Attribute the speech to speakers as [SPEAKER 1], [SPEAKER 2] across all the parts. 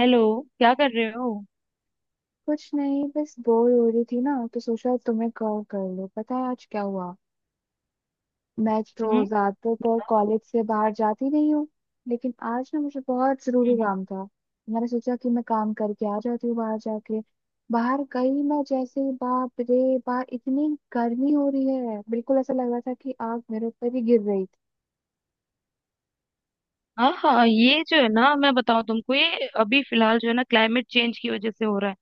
[SPEAKER 1] Hello. क्या कर रहे हो?
[SPEAKER 2] कुछ नहीं, बस बोर हो रही थी ना तो सोचा तुम्हें कॉल कर लो। पता है आज क्या हुआ? मैं तो
[SPEAKER 1] हम्म।
[SPEAKER 2] ज्यादातर तो कॉलेज से बाहर जाती नहीं हूँ। लेकिन आज ना मुझे बहुत जरूरी
[SPEAKER 1] हम्म।
[SPEAKER 2] काम था। मैंने सोचा कि मैं काम करके आ जाती हूँ बाहर जाके। बाहर गई मैं जैसे ही, बाप रे बाप, इतनी गर्मी हो रही है, बिल्कुल ऐसा लग रहा था कि आग मेरे ऊपर ही गिर रही थी।
[SPEAKER 1] हाँ हाँ, ये जो है ना, मैं बताऊं तुमको, ये अभी फिलहाल जो है ना क्लाइमेट चेंज की वजह से हो रहा है।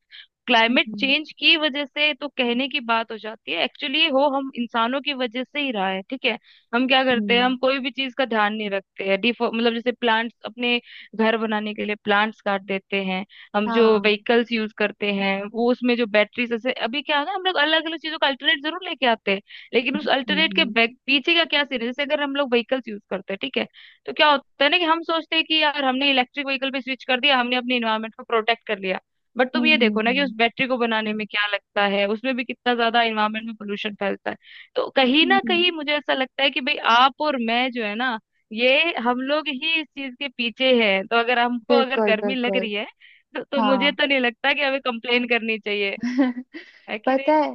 [SPEAKER 1] क्लाइमेट
[SPEAKER 2] हम्म।
[SPEAKER 1] चेंज की वजह से तो कहने की बात हो जाती है, एक्चुअली हो हम इंसानों की वजह से ही रहा है, ठीक है। हम क्या करते हैं,
[SPEAKER 2] हम्म।
[SPEAKER 1] हम कोई भी चीज का ध्यान नहीं रखते हैं। डिफो मतलब जैसे प्लांट्स अपने घर बनाने के लिए प्लांट्स काट देते हैं। हम जो
[SPEAKER 2] हाँ। हम्म।
[SPEAKER 1] व्हीकल्स यूज करते हैं वो उसमें जो बैटरीज, जैसे अभी क्या होगा, हम लोग अलग अलग चीजों का अल्टरनेट जरूर लेके आते हैं, लेकिन उस अल्टरनेट के
[SPEAKER 2] हम्म।
[SPEAKER 1] बैक पीछे का क्या सीन है। जैसे अगर हम लोग व्हीकल्स यूज करते हैं, ठीक है, तो क्या होता है ना कि हम सोचते हैं कि यार हमने इलेक्ट्रिक व्हीकल पे स्विच कर दिया, हमने अपने इन्वायरमेंट को प्रोटेक्ट कर लिया। बट तुम
[SPEAKER 2] हम्म।
[SPEAKER 1] ये देखो ना कि उस
[SPEAKER 2] हम्म।
[SPEAKER 1] बैटरी को बनाने में क्या लगता है, उसमें भी कितना ज्यादा इन्वायरमेंट में पोल्यूशन फैलता है। तो कहीं ना
[SPEAKER 2] हम्म।
[SPEAKER 1] कहीं मुझे ऐसा लगता है कि भाई आप और मैं जो है ना, ये हम लोग ही इस चीज के पीछे हैं। तो अगर हमको अगर
[SPEAKER 2] बिल्कुल
[SPEAKER 1] गर्मी लग
[SPEAKER 2] बिल्कुल।
[SPEAKER 1] रही है, तो मुझे
[SPEAKER 2] हाँ।
[SPEAKER 1] तो नहीं लगता कि हमें कंप्लेन करनी चाहिए। है कि
[SPEAKER 2] पता
[SPEAKER 1] नहीं?
[SPEAKER 2] है।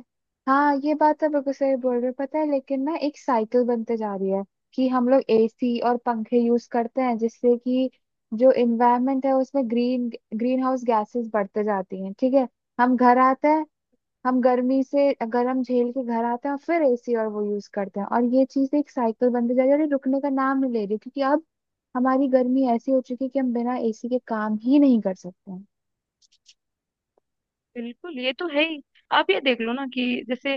[SPEAKER 2] हाँ, ये बात तो बिल्कुल सही बोल रहे हो। पता है, लेकिन ना एक साइकिल बनते जा रही है कि हम लोग एसी और पंखे यूज करते हैं जिससे कि जो इन्वायरमेंट है उसमें ग्रीन ग्रीन हाउस गैसेस बढ़ते जाती हैं, ठीक है। हम घर आते हैं। हम गर्मी से गर्म झेल के घर आते हैं और फिर एसी और वो यूज करते हैं और ये चीज एक साइकिल बनते जा रही है और ये रुकने का नाम नहीं ले रही, क्योंकि अब हमारी गर्मी ऐसी हो चुकी है कि हम बिना एसी के काम ही नहीं कर सकते हैं।
[SPEAKER 1] बिल्कुल, ये तो है ही। आप ये देख लो ना कि जैसे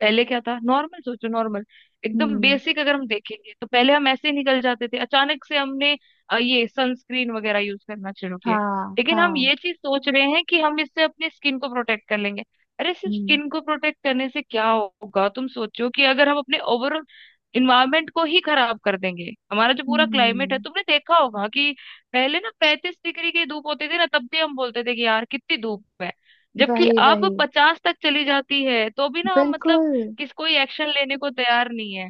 [SPEAKER 1] पहले क्या था, नॉर्मल सोचो, नॉर्मल एकदम
[SPEAKER 2] हम्म।
[SPEAKER 1] बेसिक अगर हम देखेंगे, तो पहले हम ऐसे ही निकल जाते थे। अचानक से हमने ये सनस्क्रीन वगैरह यूज करना शुरू किया।
[SPEAKER 2] हाँ
[SPEAKER 1] लेकिन हम
[SPEAKER 2] हाँ।
[SPEAKER 1] ये चीज सोच रहे हैं कि हम इससे अपनी स्किन को प्रोटेक्ट कर लेंगे। अरे सिर्फ
[SPEAKER 2] हम्म।
[SPEAKER 1] स्किन को प्रोटेक्ट करने से क्या होगा, तुम सोचो कि अगर हम अपने ओवरऑल इन्वायरमेंट को ही खराब कर देंगे। हमारा जो पूरा क्लाइमेट है,
[SPEAKER 2] हम्म।
[SPEAKER 1] तुमने देखा होगा कि पहले ना 35 डिग्री की धूप होती थी ना, तब भी हम बोलते थे कि यार कितनी धूप है, जबकि
[SPEAKER 2] वही
[SPEAKER 1] अब
[SPEAKER 2] वही।
[SPEAKER 1] 50 तक चली जाती है तो भी ना हम मतलब
[SPEAKER 2] बिल्कुल।
[SPEAKER 1] किस, कोई एक्शन लेने को तैयार नहीं है।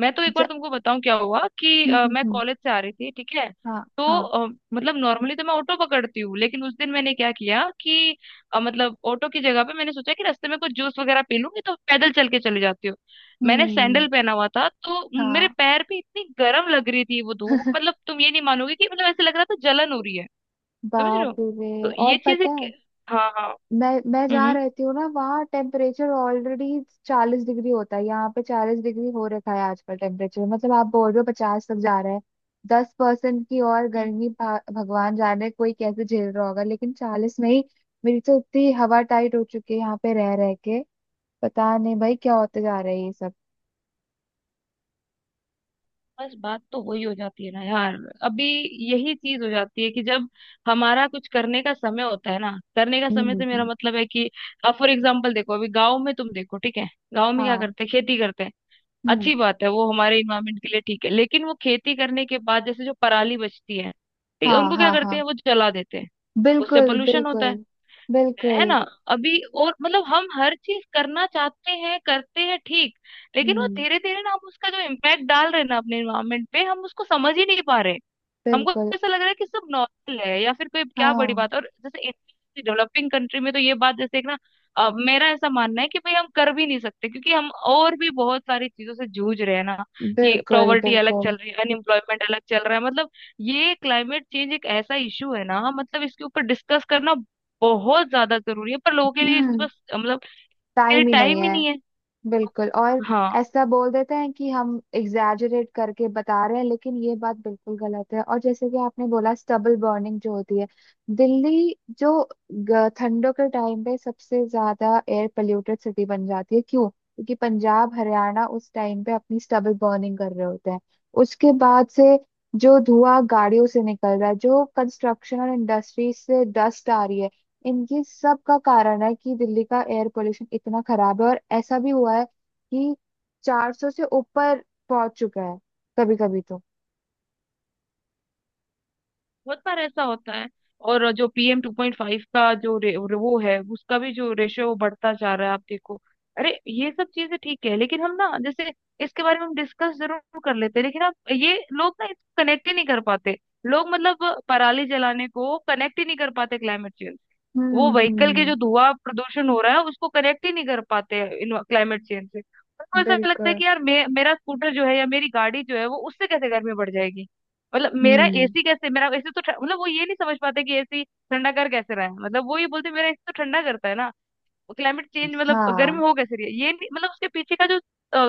[SPEAKER 1] मैं तो एक
[SPEAKER 2] ज...
[SPEAKER 1] बार तुमको बताऊं क्या हुआ कि
[SPEAKER 2] हम्म। हम्म।
[SPEAKER 1] मैं
[SPEAKER 2] हम्म।
[SPEAKER 1] कॉलेज से आ रही थी, ठीक है,
[SPEAKER 2] हाँ।
[SPEAKER 1] तो
[SPEAKER 2] हाँ।
[SPEAKER 1] मतलब नॉर्मली तो मैं ऑटो पकड़ती हूँ, लेकिन उस दिन मैंने क्या किया कि मतलब ऑटो की जगह पे मैंने सोचा कि रास्ते में कुछ जूस वगैरह पी लूंगी, तो पैदल चल के चली जाती हूँ। मैंने
[SPEAKER 2] हम्म।
[SPEAKER 1] सैंडल पहना हुआ था, तो मेरे
[SPEAKER 2] हाँ।
[SPEAKER 1] पैर पे इतनी गर्म लग रही थी वो धूप, मतलब तुम ये नहीं मानोगे कि मतलब ऐसे लग रहा था जलन हो रही है। समझ रहे हो?
[SPEAKER 2] बाप रे।
[SPEAKER 1] तो
[SPEAKER 2] और
[SPEAKER 1] ये चीजें
[SPEAKER 2] पता है,
[SPEAKER 1] हाँ हाँ।
[SPEAKER 2] मैं जहाँ
[SPEAKER 1] हम्म
[SPEAKER 2] रहती हूँ ना वहाँ टेम्परेचर ऑलरेडी 40 डिग्री होता है। यहाँ पे 40 डिग्री हो रखा है आजकल टेम्परेचर, मतलब आप बोल रहे हो 50 तक जा रहा है। 10% की और
[SPEAKER 1] हम्म।
[SPEAKER 2] गर्मी, भगवान जाने कोई कैसे झेल रहा होगा। लेकिन 40 में ही मेरी तो इतनी हवा टाइट हो चुकी है यहाँ पे रह रह के। पता नहीं भाई क्या होते जा रहा है ये सब।
[SPEAKER 1] बस बात तो वही हो जाती है ना यार। अभी यही चीज हो जाती है कि जब हमारा कुछ करने का समय होता है ना, करने का
[SPEAKER 2] हम्म।
[SPEAKER 1] समय
[SPEAKER 2] हम्म।
[SPEAKER 1] से मेरा
[SPEAKER 2] हम्म।
[SPEAKER 1] मतलब है कि अब फॉर एग्जाम्पल देखो, अभी गांव में तुम देखो, ठीक है। गांव में क्या
[SPEAKER 2] हाँ।
[SPEAKER 1] करते हैं? खेती करते हैं।
[SPEAKER 2] हम्म।
[SPEAKER 1] अच्छी बात है, वो हमारे इन्वायरमेंट के लिए ठीक है। लेकिन वो खेती करने के बाद जैसे जो पराली बचती है, ठीक है,
[SPEAKER 2] हाँ।
[SPEAKER 1] उनको क्या
[SPEAKER 2] हाँ।
[SPEAKER 1] करते
[SPEAKER 2] हाँ।
[SPEAKER 1] हैं? वो जला देते हैं। उससे
[SPEAKER 2] बिल्कुल
[SPEAKER 1] पोल्यूशन होता
[SPEAKER 2] बिल्कुल।
[SPEAKER 1] है
[SPEAKER 2] बिल्कुल।
[SPEAKER 1] ना। अभी और मतलब हम हर चीज करना चाहते हैं, करते हैं, ठीक। लेकिन वो
[SPEAKER 2] हम्म।
[SPEAKER 1] धीरे धीरे ना हम उसका जो इम्पैक्ट डाल रहे हैं ना अपने इन्वायरमेंट पे, हम उसको समझ ही नहीं पा रहे। हमको
[SPEAKER 2] बिल्कुल।
[SPEAKER 1] ऐसा लग रहा है कि सब नॉर्मल है या फिर कोई, क्या बड़ी
[SPEAKER 2] हाँ
[SPEAKER 1] बात है। और जैसे डेवलपिंग कंट्री में तो ये बात जैसे एक ना, मेरा ऐसा मानना है कि भाई हम कर भी नहीं सकते, क्योंकि हम और भी बहुत सारी चीजों से जूझ रहे हैं ना। कि
[SPEAKER 2] बिल्कुल।
[SPEAKER 1] प्रॉवर्टी अलग चल
[SPEAKER 2] बिल्कुल।
[SPEAKER 1] रही है, अनएम्प्लॉयमेंट अलग चल रहा है, मतलब ये क्लाइमेट चेंज एक ऐसा इशू है ना, मतलब इसके ऊपर डिस्कस करना बहुत ज्यादा जरूरी है, पर लोगों के लिए इसके
[SPEAKER 2] हम्म।
[SPEAKER 1] पास मतलब के लिए
[SPEAKER 2] टाइम ही नहीं
[SPEAKER 1] टाइम ही
[SPEAKER 2] है।
[SPEAKER 1] नहीं है।
[SPEAKER 2] बिल्कुल। और
[SPEAKER 1] हाँ,
[SPEAKER 2] ऐसा बोल देते हैं कि हम एग्जैजरेट करके बता रहे हैं, लेकिन ये बात बिल्कुल गलत है। और जैसे कि आपने बोला, स्टबल बर्निंग जो होती है, दिल्ली जो ठंडों के टाइम पे सबसे ज्यादा एयर पोल्यूटेड सिटी बन जाती है। क्यों? क्योंकि पंजाब हरियाणा उस टाइम पे अपनी स्टबल बर्निंग कर रहे होते हैं। उसके बाद से जो धुआं गाड़ियों से निकल रहा है, जो कंस्ट्रक्शन और इंडस्ट्री से डस्ट आ रही है, इनकी सब का कारण है कि दिल्ली का एयर पोल्यूशन इतना खराब है। और ऐसा भी हुआ है कि 400 से ऊपर पहुंच चुका है कभी कभी तो।
[SPEAKER 1] बहुत बार ऐसा होता है। और जो PM 2.5 का जो वो है, उसका भी जो रेशियो वो बढ़ता जा रहा है, आप देखो। अरे ये सब चीजें ठीक है, लेकिन हम ना जैसे इसके बारे में हम डिस्कस जरूर कर लेते हैं, लेकिन आप ये लोग ना इसको कनेक्ट ही नहीं कर पाते। लोग मतलब पराली जलाने को कनेक्ट ही नहीं कर पाते क्लाइमेट,
[SPEAKER 2] हम्म।
[SPEAKER 1] वो व्हीकल के जो
[SPEAKER 2] हम्म।
[SPEAKER 1] धुआं प्रदूषण हो रहा है उसको कनेक्ट ही नहीं कर पाते हैं इन क्लाइमेट चेंज से। उनको ऐसा लगता है
[SPEAKER 2] बिल्कुल।
[SPEAKER 1] कि यार मेरा स्कूटर जो है या मेरी गाड़ी जो है, वो उससे कैसे गर्मी बढ़ जाएगी, मतलब मेरा
[SPEAKER 2] हम्म।
[SPEAKER 1] एसी कैसे, मेरा एसी तो मतलब वो ये नहीं समझ पाते कि एसी ठंडा कर कैसे रहा है। मतलब वो ये बोलते हैं, मेरा एसी तो ठंडा करता है ना, क्लाइमेट चेंज मतलब गर्मी
[SPEAKER 2] हाँ।
[SPEAKER 1] हो कैसे रही है, ये नहीं- मतलब उसके पीछे का जो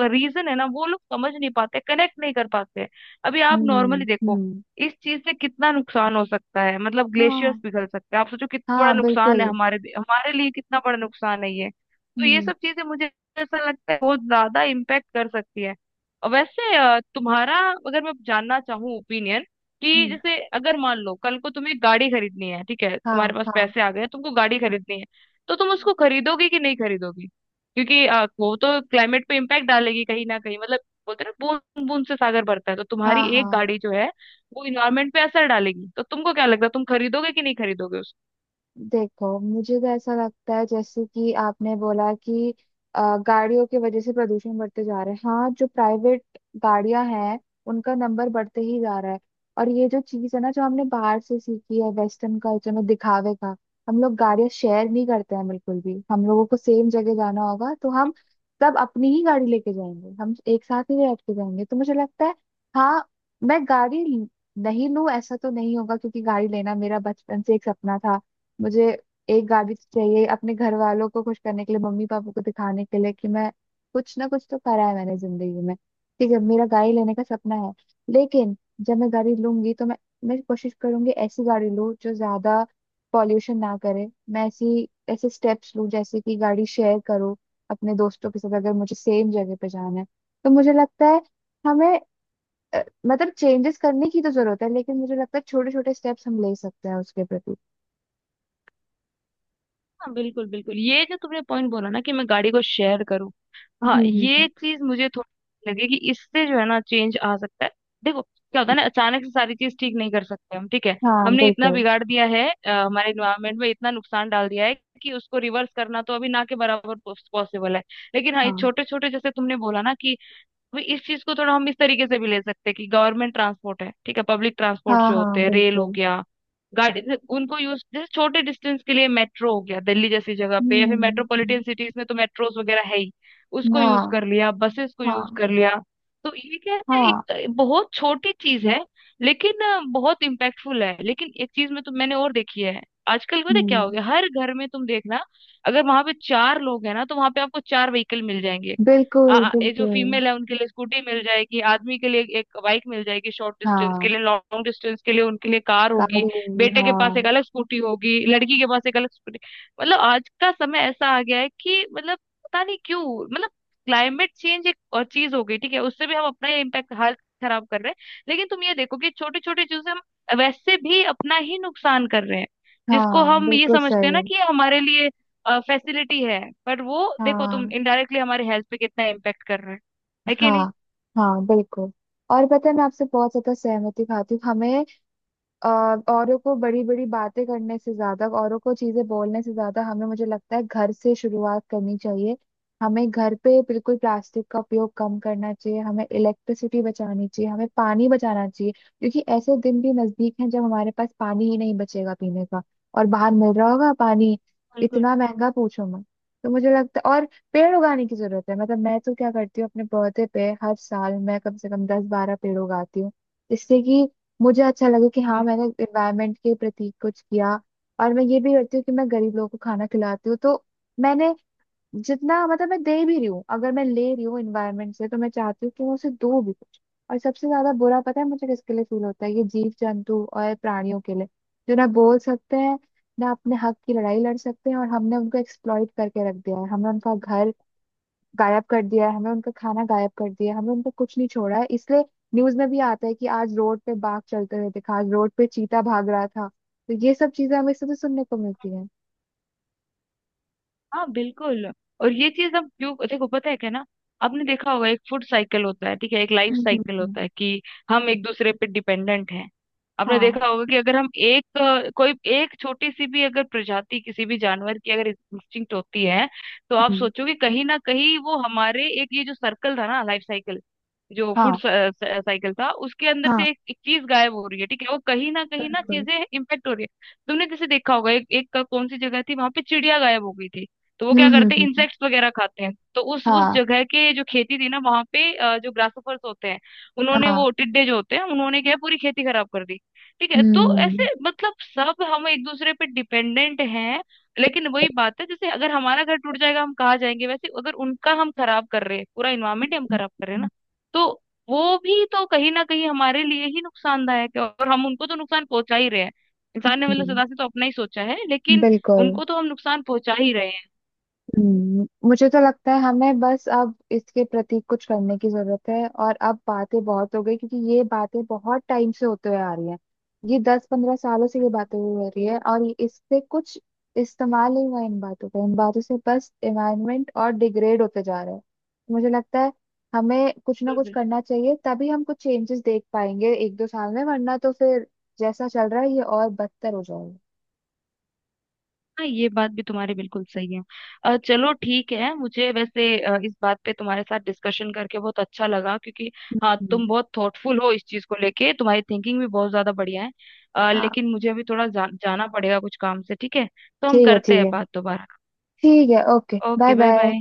[SPEAKER 1] रीजन है ना, वो लोग समझ नहीं पाते, कनेक्ट नहीं कर पाते हैं। अभी आप
[SPEAKER 2] हम्म।
[SPEAKER 1] नॉर्मली देखो
[SPEAKER 2] हम्म।
[SPEAKER 1] इस चीज से कितना नुकसान हो सकता है, मतलब ग्लेशियर्स
[SPEAKER 2] हाँ
[SPEAKER 1] पिघल सकते हैं, आप सोचो कितना बड़ा
[SPEAKER 2] हाँ
[SPEAKER 1] नुकसान है,
[SPEAKER 2] बिल्कुल।
[SPEAKER 1] हमारे हमारे लिए कितना बड़ा नुकसान है ये। तो ये
[SPEAKER 2] हम्म।
[SPEAKER 1] सब चीजें मुझे ऐसा लगता है बहुत ज्यादा इम्पेक्ट कर सकती है। और वैसे तुम्हारा अगर मैं जानना चाहूँ ओपिनियन, कि
[SPEAKER 2] हम्म।
[SPEAKER 1] जैसे अगर मान लो कल को तुम्हें गाड़ी खरीदनी है, ठीक है, तुम्हारे
[SPEAKER 2] हाँ।
[SPEAKER 1] पास
[SPEAKER 2] हाँ।
[SPEAKER 1] पैसे आ गए, तुमको गाड़ी खरीदनी है, तो तुम उसको खरीदोगे कि नहीं खरीदोगी, क्योंकि वो तो क्लाइमेट पे इम्पैक्ट डालेगी कहीं ना कहीं, मतलब बोलते हैं ना बूंद बूंद से सागर भरता है, तो
[SPEAKER 2] हाँ।
[SPEAKER 1] तुम्हारी एक
[SPEAKER 2] हाँ।
[SPEAKER 1] गाड़ी जो है वो इन्वायरमेंट पे असर डालेगी। तो तुमको क्या लगता है, तुम खरीदोगे कि नहीं खरीदोगे उसको?
[SPEAKER 2] देखो, मुझे तो ऐसा लगता है, जैसे कि आपने बोला कि गाड़ियों की वजह से प्रदूषण बढ़ते जा रहा है। हाँ, जो प्राइवेट गाड़ियां हैं उनका नंबर बढ़ते ही जा रहा है। और ये जो चीज़ है ना जो हमने बाहर से सीखी है वेस्टर्न कल्चर में दिखावे का, हम लोग गाड़ियां शेयर नहीं करते हैं बिल्कुल भी। हम लोगों को सेम जगह जाना होगा तो हम सब अपनी ही गाड़ी लेके जाएंगे, हम एक साथ ही बैठ के जाएंगे तो मुझे लगता है। हाँ। मैं गाड़ी नहीं लूं ऐसा तो नहीं होगा, क्योंकि गाड़ी लेना मेरा बचपन से एक सपना था। मुझे एक गाड़ी तो चाहिए अपने घर वालों को खुश करने के लिए, मम्मी पापा को दिखाने के लिए कि मैं कुछ ना कुछ तो करा है मैंने जिंदगी में। ठीक है, मेरा गाड़ी लेने का सपना है। लेकिन जब मैं गाड़ी लूंगी तो मैं कोशिश करूंगी ऐसी गाड़ी लूं जो ज्यादा पॉल्यूशन ना करे। मैं ऐसी ऐसे स्टेप्स लूं जैसे कि गाड़ी शेयर करूं अपने दोस्तों के साथ, अगर मुझे सेम जगह पे जाना है। तो मुझे लगता है, हमें, अ, मतलब, चेंजेस करने की तो जरूरत है, लेकिन मुझे लगता है छोटे छोटे स्टेप्स हम ले सकते हैं उसके प्रति।
[SPEAKER 1] हाँ बिल्कुल बिल्कुल, ये जो तुमने पॉइंट बोला ना कि मैं गाड़ी को शेयर करूँ, हाँ
[SPEAKER 2] हम्म।
[SPEAKER 1] ये चीज मुझे थोड़ी लगी कि इससे जो है ना चेंज आ सकता है। देखो क्या होता है ना, अचानक से सारी चीज ठीक नहीं कर सकते हम, ठीक है।
[SPEAKER 2] हाँ
[SPEAKER 1] हमने इतना
[SPEAKER 2] बिल्कुल।
[SPEAKER 1] बिगाड़ दिया है, हमारे इन्वायरमेंट में इतना नुकसान डाल दिया है कि उसको रिवर्स करना तो अभी ना के बराबर पॉसिबल है। लेकिन हाँ ये
[SPEAKER 2] हाँ
[SPEAKER 1] छोटे छोटे जैसे तुमने बोला ना कि अभी इस चीज को थोड़ा हम इस तरीके से भी ले सकते हैं कि गवर्नमेंट ट्रांसपोर्ट है ठीक है, पब्लिक ट्रांसपोर्ट
[SPEAKER 2] हाँ।
[SPEAKER 1] जो
[SPEAKER 2] हाँ
[SPEAKER 1] होते हैं, रेल हो
[SPEAKER 2] बिल्कुल।
[SPEAKER 1] गया, गाड़ी, उनको यूज जैसे छोटे डिस्टेंस के लिए मेट्रो हो गया दिल्ली जैसी जगह पे, या
[SPEAKER 2] हम्म।
[SPEAKER 1] फिर
[SPEAKER 2] हम्म।
[SPEAKER 1] मेट्रोपॉलिटन सिटीज में तो मेट्रोस वगैरह है ही, उसको यूज
[SPEAKER 2] हाँ
[SPEAKER 1] कर लिया, बसेस को यूज
[SPEAKER 2] हाँ।
[SPEAKER 1] कर लिया। तो ये क्या है,
[SPEAKER 2] हाँ।
[SPEAKER 1] एक बहुत छोटी चीज है, लेकिन बहुत इम्पैक्टफुल है। लेकिन एक चीज में तो मैंने और देखी है आजकल, पता है क्या हो
[SPEAKER 2] हम्म।
[SPEAKER 1] गया, हर घर में तुम देखना, अगर वहां पे चार लोग हैं ना, तो वहां पे आपको चार व्हीकल मिल जाएंगे।
[SPEAKER 2] बिल्कुल
[SPEAKER 1] ये जो
[SPEAKER 2] बिल्कुल।
[SPEAKER 1] फीमेल है उनके लिए स्कूटी मिल जाएगी, आदमी के लिए एक बाइक मिल जाएगी शॉर्ट डिस्टेंस के
[SPEAKER 2] हाँ।
[SPEAKER 1] लिए, लॉन्ग डिस्टेंस के लिए उनके लिए कार होगी।
[SPEAKER 2] गाड़ी हुई।
[SPEAKER 1] बेटे के पास
[SPEAKER 2] हाँ।
[SPEAKER 1] एक अलग स्कूटी होगी, लड़की के पास एक अलग स्कूटी। मतलब आज का समय ऐसा आ गया है कि मतलब पता नहीं क्यों, मतलब क्लाइमेट चेंज एक और चीज हो गई, ठीक है, उससे भी हम अपना ये इम्पैक्ट हाल खराब कर रहे हैं। लेकिन तुम ये देखो कि छोटी छोटी चीजों से हम वैसे भी अपना ही नुकसान कर रहे हैं, जिसको
[SPEAKER 2] हाँ
[SPEAKER 1] हम ये
[SPEAKER 2] बिल्कुल
[SPEAKER 1] समझते हैं ना
[SPEAKER 2] सही।
[SPEAKER 1] कि ये हमारे लिए फैसिलिटी है, पर वो देखो तुम,
[SPEAKER 2] हाँ।
[SPEAKER 1] इनडायरेक्टली हमारे हेल्थ पे कितना इम्पेक्ट कर रहा है। है कि नहीं?
[SPEAKER 2] हाँ। हाँ बिल्कुल। और पता है, मैं आपसे बहुत ज्यादा सहमति खाती हूँ। हमें, अ, औरों को बड़ी बड़ी बातें करने से ज्यादा, औरों को चीजें बोलने से ज्यादा, हमें, मुझे लगता है घर से शुरुआत करनी चाहिए। हमें घर पे बिल्कुल प्लास्टिक का उपयोग कम करना चाहिए, हमें इलेक्ट्रिसिटी बचानी चाहिए, हमें पानी बचाना चाहिए, क्योंकि ऐसे दिन भी नजदीक हैं जब हमारे पास पानी ही नहीं बचेगा पीने का। और बाहर मिल रहा होगा पानी
[SPEAKER 1] बिल्कुल।
[SPEAKER 2] इतना महंगा, पूछो मत। तो मुझे लगता है और पेड़ उगाने की जरूरत है। मतलब मैं तो क्या करती हूँ, अपने पौधे पे हर साल मैं कम से कम 10-12 पेड़ उगाती हूँ, जिससे कि मुझे अच्छा लगे कि हाँ, मैंने एनवायरनमेंट के प्रति कुछ किया। और मैं ये भी करती हूँ कि मैं गरीब लोगों को खाना खिलाती हूँ। तो मैंने, जितना मतलब मैं दे भी रही हूँ, अगर मैं ले रही हूँ एनवायरनमेंट से तो मैं चाहती हूँ कि मैं उसे दूँ भी कुछ। और सबसे ज्यादा बुरा पता है मुझे किसके लिए फील होता है? ये जीव जंतु और प्राणियों के लिए, जो ना बोल सकते हैं, ना अपने हक की लड़ाई लड़ सकते हैं। और हमने उनको एक्सप्लॉइट करके रख दिया है, हमने उनका घर गायब कर दिया है, हमें उनका खाना गायब कर दिया है, हमें उनका कुछ नहीं छोड़ा है। इसलिए न्यूज में भी आता है कि आज रोड पे बाघ चलते हुए दिखा, आज रोड पे चीता भाग रहा था। तो ये सब चीजें हमें इससे तो सुनने को मिलती है
[SPEAKER 1] हाँ बिल्कुल। और ये चीज अब जो देखो, पता है क्या ना, आपने देखा होगा एक फूड साइकिल होता है, ठीक है, एक life
[SPEAKER 2] hmm. Hmm.
[SPEAKER 1] Cycle
[SPEAKER 2] hmm.
[SPEAKER 1] होता है कि हम एक दूसरे पे डिपेंडेंट हैं। आपने
[SPEAKER 2] हाँ।
[SPEAKER 1] देखा होगा कि अगर हम एक कोई एक छोटी सी भी अगर प्रजाति किसी भी जानवर की अगर इंस्टिंक्ट होती है, तो आप
[SPEAKER 2] हम्म।
[SPEAKER 1] सोचो कि कहीं ना कहीं वो हमारे एक ये जो सर्कल था ना, लाइफ साइकिल, जो फूड
[SPEAKER 2] हाँ।
[SPEAKER 1] साइकिल था, उसके अंदर
[SPEAKER 2] हाँ
[SPEAKER 1] से एक चीज गायब हो रही है, ठीक है, वो कहीं ना
[SPEAKER 2] बिल्कुल।
[SPEAKER 1] चीजें इम्पेक्ट हो रही है। तुमने जैसे देखा होगा एक एक का, कौन सी जगह थी वहां पे चिड़िया गायब हो गई थी, तो वो
[SPEAKER 2] हम्म।
[SPEAKER 1] क्या
[SPEAKER 2] हम्म।
[SPEAKER 1] करते हैं,
[SPEAKER 2] हम्म। हम्म।
[SPEAKER 1] इंसेक्ट्स वगैरह खाते हैं, तो उस
[SPEAKER 2] हाँ।
[SPEAKER 1] जगह के जो खेती थी ना, वहां पे जो ग्रासोफर्स होते हैं उन्होंने,
[SPEAKER 2] हाँ।
[SPEAKER 1] वो टिड्डे जो होते हैं उन्होंने क्या है, पूरी खेती खराब कर दी, ठीक है। तो
[SPEAKER 2] हम्म
[SPEAKER 1] ऐसे मतलब सब हम एक दूसरे पे डिपेंडेंट हैं। लेकिन वही बात है, जैसे अगर हमारा घर टूट जाएगा हम कहाँ जाएंगे, वैसे अगर उनका हम खराब कर रहे हैं, पूरा इन्वायरमेंट हम
[SPEAKER 2] हम्म।
[SPEAKER 1] खराब कर रहे
[SPEAKER 2] हम्म।
[SPEAKER 1] हैं ना, तो वो भी तो कहीं ना कहीं हमारे लिए ही नुकसानदायक है। और हम उनको तो नुकसान पहुंचा ही रहे हैं, इंसान ने मतलब
[SPEAKER 2] हम्म।
[SPEAKER 1] सदा से तो अपना ही सोचा है, लेकिन
[SPEAKER 2] बिल्कुल।
[SPEAKER 1] उनको तो हम नुकसान पहुंचा ही रहे हैं।
[SPEAKER 2] हम्म। मुझे तो लगता है हमें बस अब इसके प्रति कुछ करने की जरूरत है, और अब बातें बहुत हो गई, क्योंकि ये बातें बहुत टाइम से होते हुए आ रही हैं। ये 10-15 सालों से ये बातें हुई हो रही है और इससे कुछ इस्तेमाल नहीं हुआ इन बातों का। इन बातों से बस एनवायरनमेंट और डिग्रेड होते जा रहे हैं। मुझे लगता है हमें कुछ ना
[SPEAKER 1] बिल्कुल
[SPEAKER 2] कुछ
[SPEAKER 1] बिल्कुल।
[SPEAKER 2] करना चाहिए, तभी हम कुछ चेंजेस देख पाएंगे एक दो साल में, वरना तो फिर जैसा चल रहा है ये और बदतर हो जाएगा।
[SPEAKER 1] हाँ ये बात भी तुम्हारी बिल्कुल सही है। चलो ठीक है, मुझे वैसे इस बात पे तुम्हारे साथ डिस्कशन करके बहुत अच्छा लगा, क्योंकि हाँ
[SPEAKER 2] हम्म।
[SPEAKER 1] तुम बहुत थॉटफुल हो इस चीज को लेके, तुम्हारी थिंकिंग भी बहुत ज्यादा बढ़िया है।
[SPEAKER 2] हाँ
[SPEAKER 1] लेकिन मुझे अभी थोड़ा जाना पड़ेगा कुछ काम से, ठीक है, तो हम
[SPEAKER 2] ठीक है।
[SPEAKER 1] करते
[SPEAKER 2] ठीक
[SPEAKER 1] हैं
[SPEAKER 2] है।
[SPEAKER 1] बात दोबारा।
[SPEAKER 2] ठीक है, okay, bye
[SPEAKER 1] okay, bye
[SPEAKER 2] bye.
[SPEAKER 1] Bye.